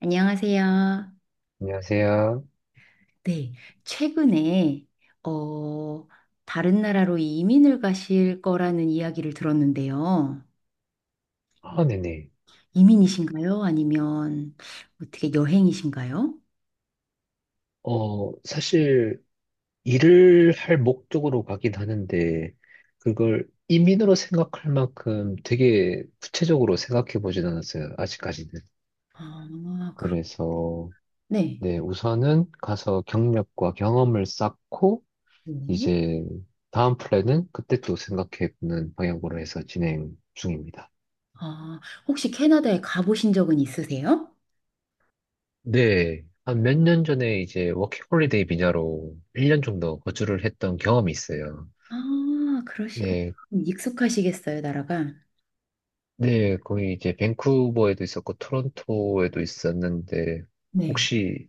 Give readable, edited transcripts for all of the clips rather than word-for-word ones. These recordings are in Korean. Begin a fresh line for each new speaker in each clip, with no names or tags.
안녕하세요.
안녕하세요.
네, 최근에 어, 다른 나라로 이민을 가실 거라는 이야기를 들었는데요.
아, 네네.
이민이신가요? 아니면 어떻게 여행이신가요?
사실 일을 할 목적으로 가긴 하는데 그걸 이민으로 생각할 만큼 되게 구체적으로 생각해 보진 않았어요. 아직까지는.
아, 그,
그래서
네.
네, 우선은 가서 경력과 경험을 쌓고
네.
이제 다음 플랜은 그때 또 생각해 보는 방향으로 해서 진행 중입니다.
아, 혹시 캐나다에 가보신 적은 있으세요?
네. 한 몇 년 전에 이제 워킹홀리데이 비자로 1년 정도 거주를 했던 경험이 있어요.
아, 그러시구나.
네,
익숙하시겠어요, 나라가?
네, 거의 이제 밴쿠버에도 있었고 토론토에도 있었는데
네.
혹시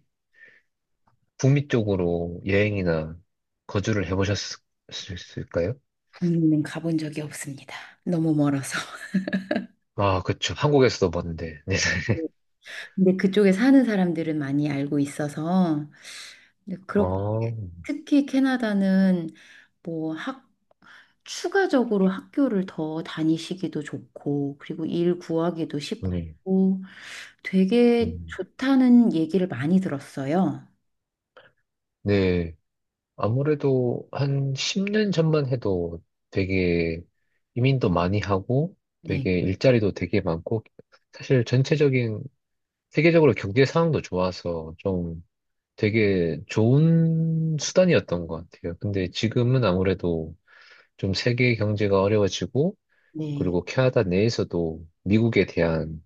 북미 쪽으로 여행이나 거주를 해보셨을까요?
국내는 가본 적이 없습니다. 너무 멀어서.
아, 그쵸. 한국에서도 봤는데. 네.
근데 그쪽에 사는 사람들은 많이 알고 있어서 근데 그렇게
아,
특히 캐나다는 뭐 학, 추가적으로 학교를 더 다니시기도 좋고, 그리고 일 구하기도
네.
쉽고 되게
음.
좋다는 얘기를 많이 들었어요.
네. 아무래도 한 10년 전만 해도 되게 이민도 많이 하고
네,
되게 일자리도 되게 많고 사실 전체적인 세계적으로 경제 상황도 좋아서 좀 되게 좋은 수단이었던 것 같아요. 근데 지금은 아무래도 좀 세계 경제가 어려워지고,
네.
그리고 캐나다 내에서도 미국에 대한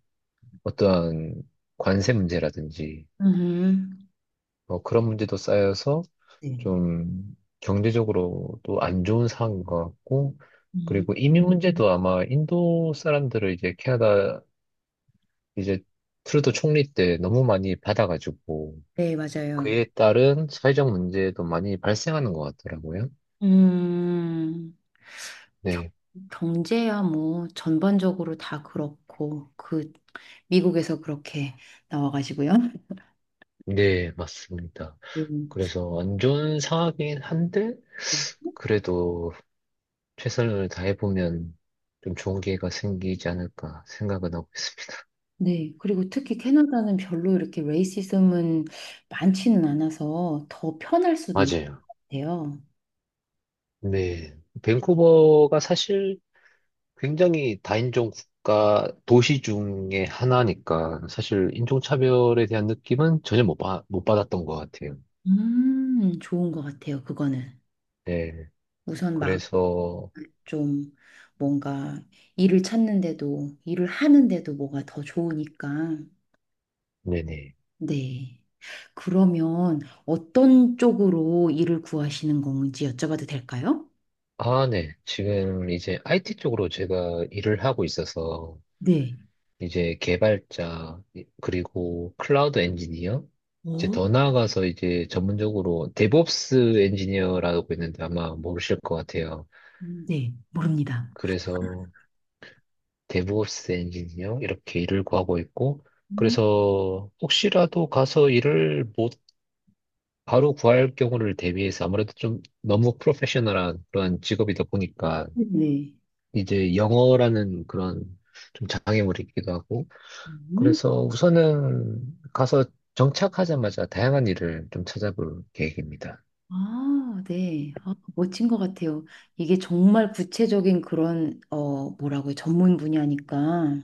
어떠한 관세 문제라든지,
음,
뭐 그런 문제도 쌓여서
네.
좀 경제적으로도 안 좋은 상황인 것 같고,
음.
그리고 이민 문제도 아마 인도 사람들을 이제 캐나다 이제 트루도 총리 때 너무 많이 받아가지고,
네, 맞아요.
그에 따른 사회적 문제도 많이 발생하는 것 같더라고요.
음. 겨-
네,
경제야 뭐 전반적으로 다 그렇고, 그 미국에서 그렇게 나와가지고요.
네, 맞습니다.
네.
그래서 안 좋은 상황이긴 한데, 그래도 최선을 다해보면 좀 좋은 기회가 생기지 않을까 생각은 하고 있어요.
네, 그리고 특히 캐나다는 별로 이렇게 레이시즘은 많지는 않아서 더 편할 수도 있을
맞아요.
것 같아요.
네. 밴쿠버가 사실 굉장히 다인종 국가 도시 중에 하나니까 사실 인종차별에 대한 느낌은 전혀 못 받았던 것 같아요.
좋은 것 같아요, 그거는.
네.
우선 막
그래서,
좀 뭔가 일을 찾는데도, 일을 하는데도 뭐가 더 좋으니까.
네네.
네. 그러면 어떤 쪽으로 일을 구하시는 건지 여쭤봐도 될까요?
아, 네. 지금 이제 IT 쪽으로 제가 일을 하고 있어서
네.
이제 개발자, 그리고 클라우드 엔지니어, 이제
어?
더 나아가서 이제 전문적으로 데브옵스 엔지니어라고 있는데 아마 모르실 것 같아요.
네. 모릅니다.
그래서 데브옵스 엔지니어 이렇게 일을 구하고 있고,
음.
그래서 혹시라도 가서 일을 못 바로 구할 경우를 대비해서 아무래도 좀 너무 프로페셔널한 그런 직업이다 보니까
네.
이제 영어라는 그런 좀 장애물이 있기도 하고
음.
그래서 우선은 가서 정착하자마자 다양한 일을 좀 찾아볼 계획입니다.
아, 네. 아, 멋진 것 같아요. 이게 정말 구체적인 그런, 뭐라고요? 전문 분야니까.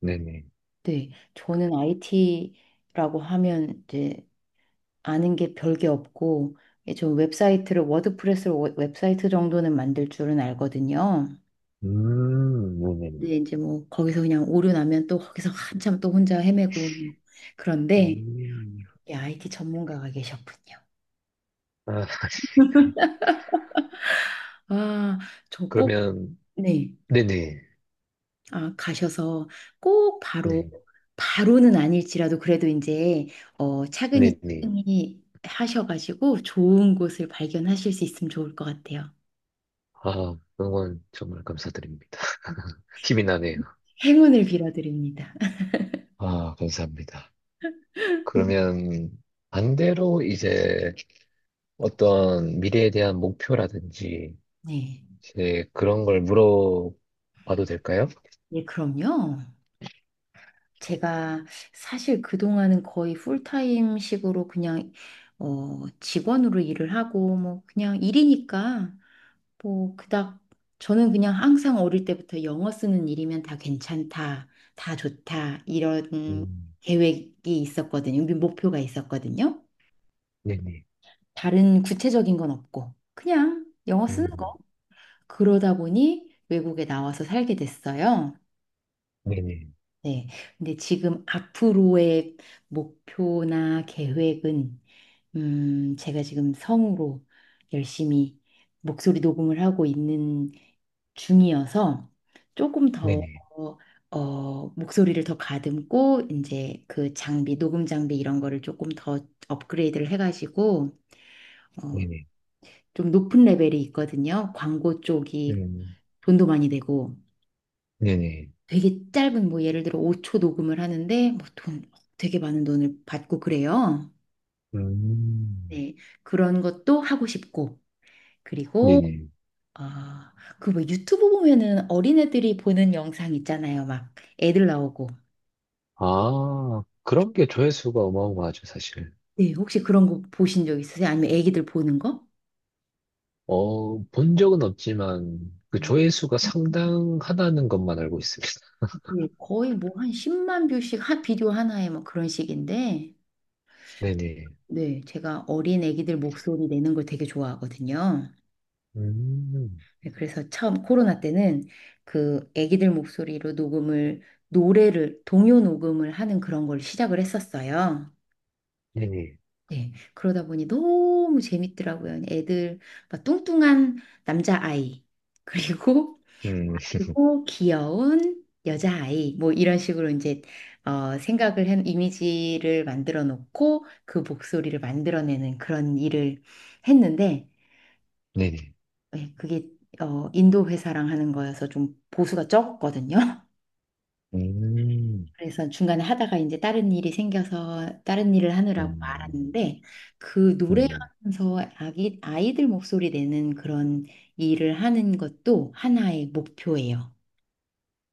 네네.
네. 저는 IT라고 하면 이제 아는 게 별 게 없고, 저 웹사이트를, 워드프레스로 웹사이트 정도는 만들 줄은 알거든요.
네네.
근데 이제 뭐 거기서 그냥 오류 나면 또 거기서 한참 또 혼자 헤매고 그런데
음,
이 IT 전문가가 계셨군요.
아, 알겠습니다.
아, 저 꼭,
그러면,
네.
네네.
아, 가셔서 꼭 바로,
네.
바로는 아닐지라도 그래도 이제, 차근히
네네.
차근히 하셔가지고 좋은 곳을 발견하실 수 있으면 좋을 것 같아요.
아, 응원 정말 감사드립니다. 힘이 나네요.
행운을 빌어드립니다.
아, 감사합니다. 그러면 반대로 이제 어떤 미래에 대한 목표라든지
네.
이제 그런 걸 물어봐도 될까요?
예, 그럼요. 제가 사실 그동안은 거의 풀타임 식으로 그냥 직원으로 일을 하고, 뭐 그냥 일이니까 뭐 그닥 저는 그냥 항상 어릴 때부터 영어 쓰는 일이면 다 괜찮다, 다 좋다 이런
음,
계획이 있었거든요. 목표가 있었거든요.
네네.
다른 구체적인 건 없고 그냥 영어 쓰는
음.
거. 그러다 보니 외국에 나와서 살게 됐어요.
네네.
네. 근데 지금 앞으로의 목표나 계획은, 제가 지금 성으로 열심히 목소리 녹음을 하고 있는 중이어서 조금 더,
네네.
목소리를 더 가듬고, 이제 그 장비, 녹음 장비 이런 거를 조금 더 업그레이드를 해가지고, 어,
네네.
좀 높은 레벨이 있거든요. 광고 쪽이
음.
돈도 많이 되고,
네네.
되게 짧은 뭐 예를 들어 5초 녹음을 하는데 뭐 돈 되게 많은 돈을 받고 그래요.
음.
네. 그런 것도 하고 싶고, 그리고
네네.
아, 그 뭐 유튜브 보면은 어린애들이 보는 영상 있잖아요. 막 애들 나오고.
아, 그런 게 조회수가 어마어마하죠, 사실.
네, 혹시 그런 거 보신 적 있으세요? 아니면 애기들 보는 거?
본 적은 없지만, 그
음.
조회수가 상당하다는 것만 알고 있습니다.
네, 거의 뭐 한 10만 뷰씩 한 비디오 하나에 뭐 그런 식인데
네네.
네, 제가 어린 애기들 목소리 내는 걸 되게 좋아하거든요.
음.
네, 그래서 처음 코로나 때는 그 아기들 목소리로 녹음을 노래를 동요 녹음을 하는 그런 걸 시작을 했었어요.
네네.
네, 그러다 보니 너무 재밌더라고요. 애들 막 뚱뚱한 남자아이 그리고
음.
그리고 귀여운 여자아이 뭐 이런 식으로 이제 생각을 한 이미지를 만들어 놓고 그 목소리를 만들어내는 그런 일을 했는데
네네.
예, 그게 인도 회사랑 하는 거여서 좀 보수가 적거든요.
음.
그래서 중간에 하다가 이제 다른 일이 생겨서 다른 일을 하느라고
음.
말았는데 그
네네.
노래하면서 아기, 아이들 목소리 내는 그런 일을 하는 것도 하나의 목표예요.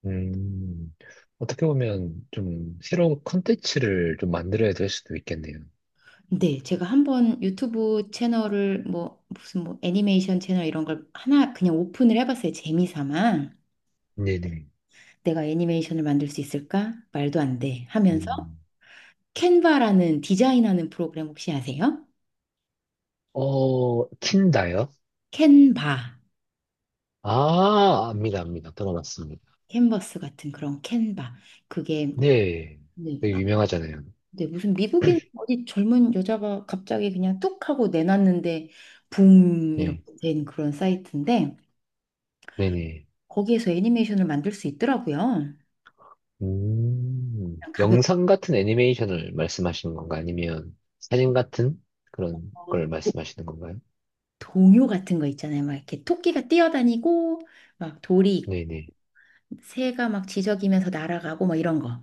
음. 어떻게 보면 좀 새로운 컨텐츠를 좀 만들어야 될 수도 있겠네요.
네, 제가 한번 유튜브 채널을 뭐 무슨 뭐 애니메이션 채널 이런 걸 하나 그냥 오픈을 해봤어요. 재미삼아.
네네.
내가 애니메이션을 만들 수 있을까? 말도 안 돼. 하면서
음.
캔바라는 디자인하는 프로그램 혹시 아세요?
어, 틴다요?
캔바,
아, 압니다, 압니다. 들어봤습니다.
캔버스 같은 그런 캔바. 그게
네.
네,
되게
아,
유명하잖아요.
네, 무슨 미국인 어디 젊은 여자가 갑자기 그냥 뚝 하고 내놨는데 붐
예.
이렇게 된 그런 사이트인데
네네.
거기에서 애니메이션을 만들 수 있더라고요. 그냥 가볍고
영상 같은 애니메이션을 말씀하시는 건가? 아니면 사진 같은 그런 걸
도-
말씀하시는 건가요?
동요 같은 거 있잖아요. 막 이렇게 토끼가 뛰어다니고 막 돌이
네네.
새가 막 지저귀면서 날아가고 막 이런 거.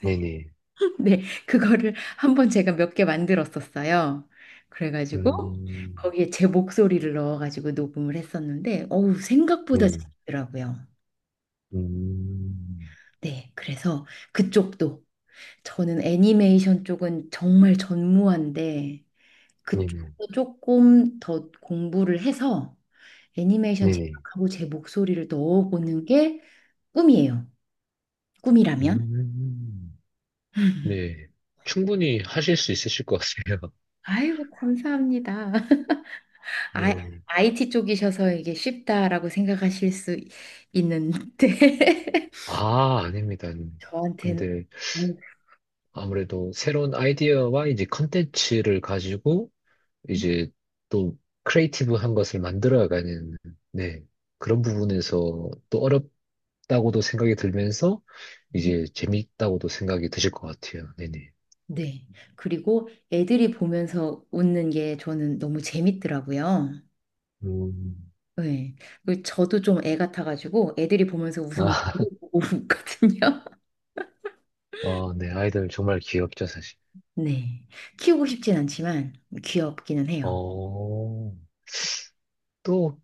네네.
네, 그거를 한번 제가 몇 개 만들었었어요. 그래가지고
음,
거기에 제 목소리를 넣어가지고 녹음을 했었는데, 어우, 생각보다
네.
재밌더라고요.
음,
네, 그래서 그쪽도 저는 애니메이션 쪽은 정말 전무한데
네네.
그쪽도 조금 더 공부를 해서 애니메이션
네네.
제작하고 제 목소리를 넣어보는 게 꿈이에요. 꿈이라면.
음, 네. 충분히 하실 수 있으실 것 같아요.
아이고, 감사합니다. 아,
네.
IT 쪽이셔서 이게 쉽다라고 생각하실 수 있는데
아, 아닙니다, 아닙니다.
저한테는
근데
음,
아무래도 새로운 아이디어와 이제 컨텐츠를 가지고 이제 또 크리에이티브한 것을 만들어가는 네, 그런 부분에서 또 어렵다고도 생각이 들면서 이제 재밌다고도 생각이 드실 것 같아요. 네네.
네. 그리고 애들이 보면서 웃는 게 저는 너무 재밌더라고요.
음.
네. 그리고 저도 좀 애 같아가지고 애들이 보면서 웃으면
아,
저도 보고 웃거든요.
어, 네, 아이들 정말 귀엽죠, 사실.
네. 키우고 싶진 않지만 귀엽기는 해요.
어, 또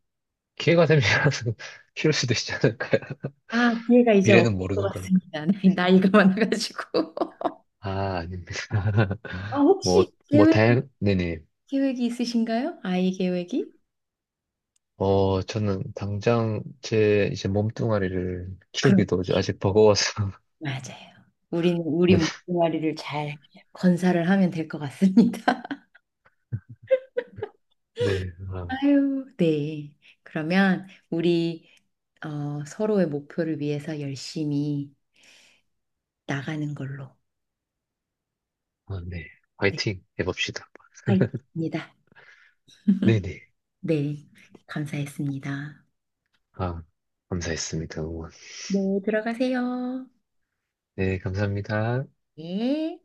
기회가 되면 키울 수도 있지 않을까요?
아, 기회가 이제 없을
미래는
것
모르는 거니까.
같습니다. 나이가 많아가지고.
아, 아닙니다.
아,
뭐,
혹시
뭐,
계획,
다양, 네네.
계획이 있으신가요? 아이 계획이?
저는 당장 제 이제 몸뚱아리를
그,
키우기도 아직 버거워서.
맞아요. 우리는 우리
네,
몸뚱아리를 잘 건사를 하면 될 것 같습니다.
네, 아,
아유, 네. 그러면 우리 서로의 목표를 위해서 열심히 나가는 걸로.
아, 네.
네,
화이팅 해봅시다.
화이팅입니다.
네네.
네, 감사했습니다.
아, 감사했습니다. 응원.
네, 들어가세요.
네, 감사합니다.
네.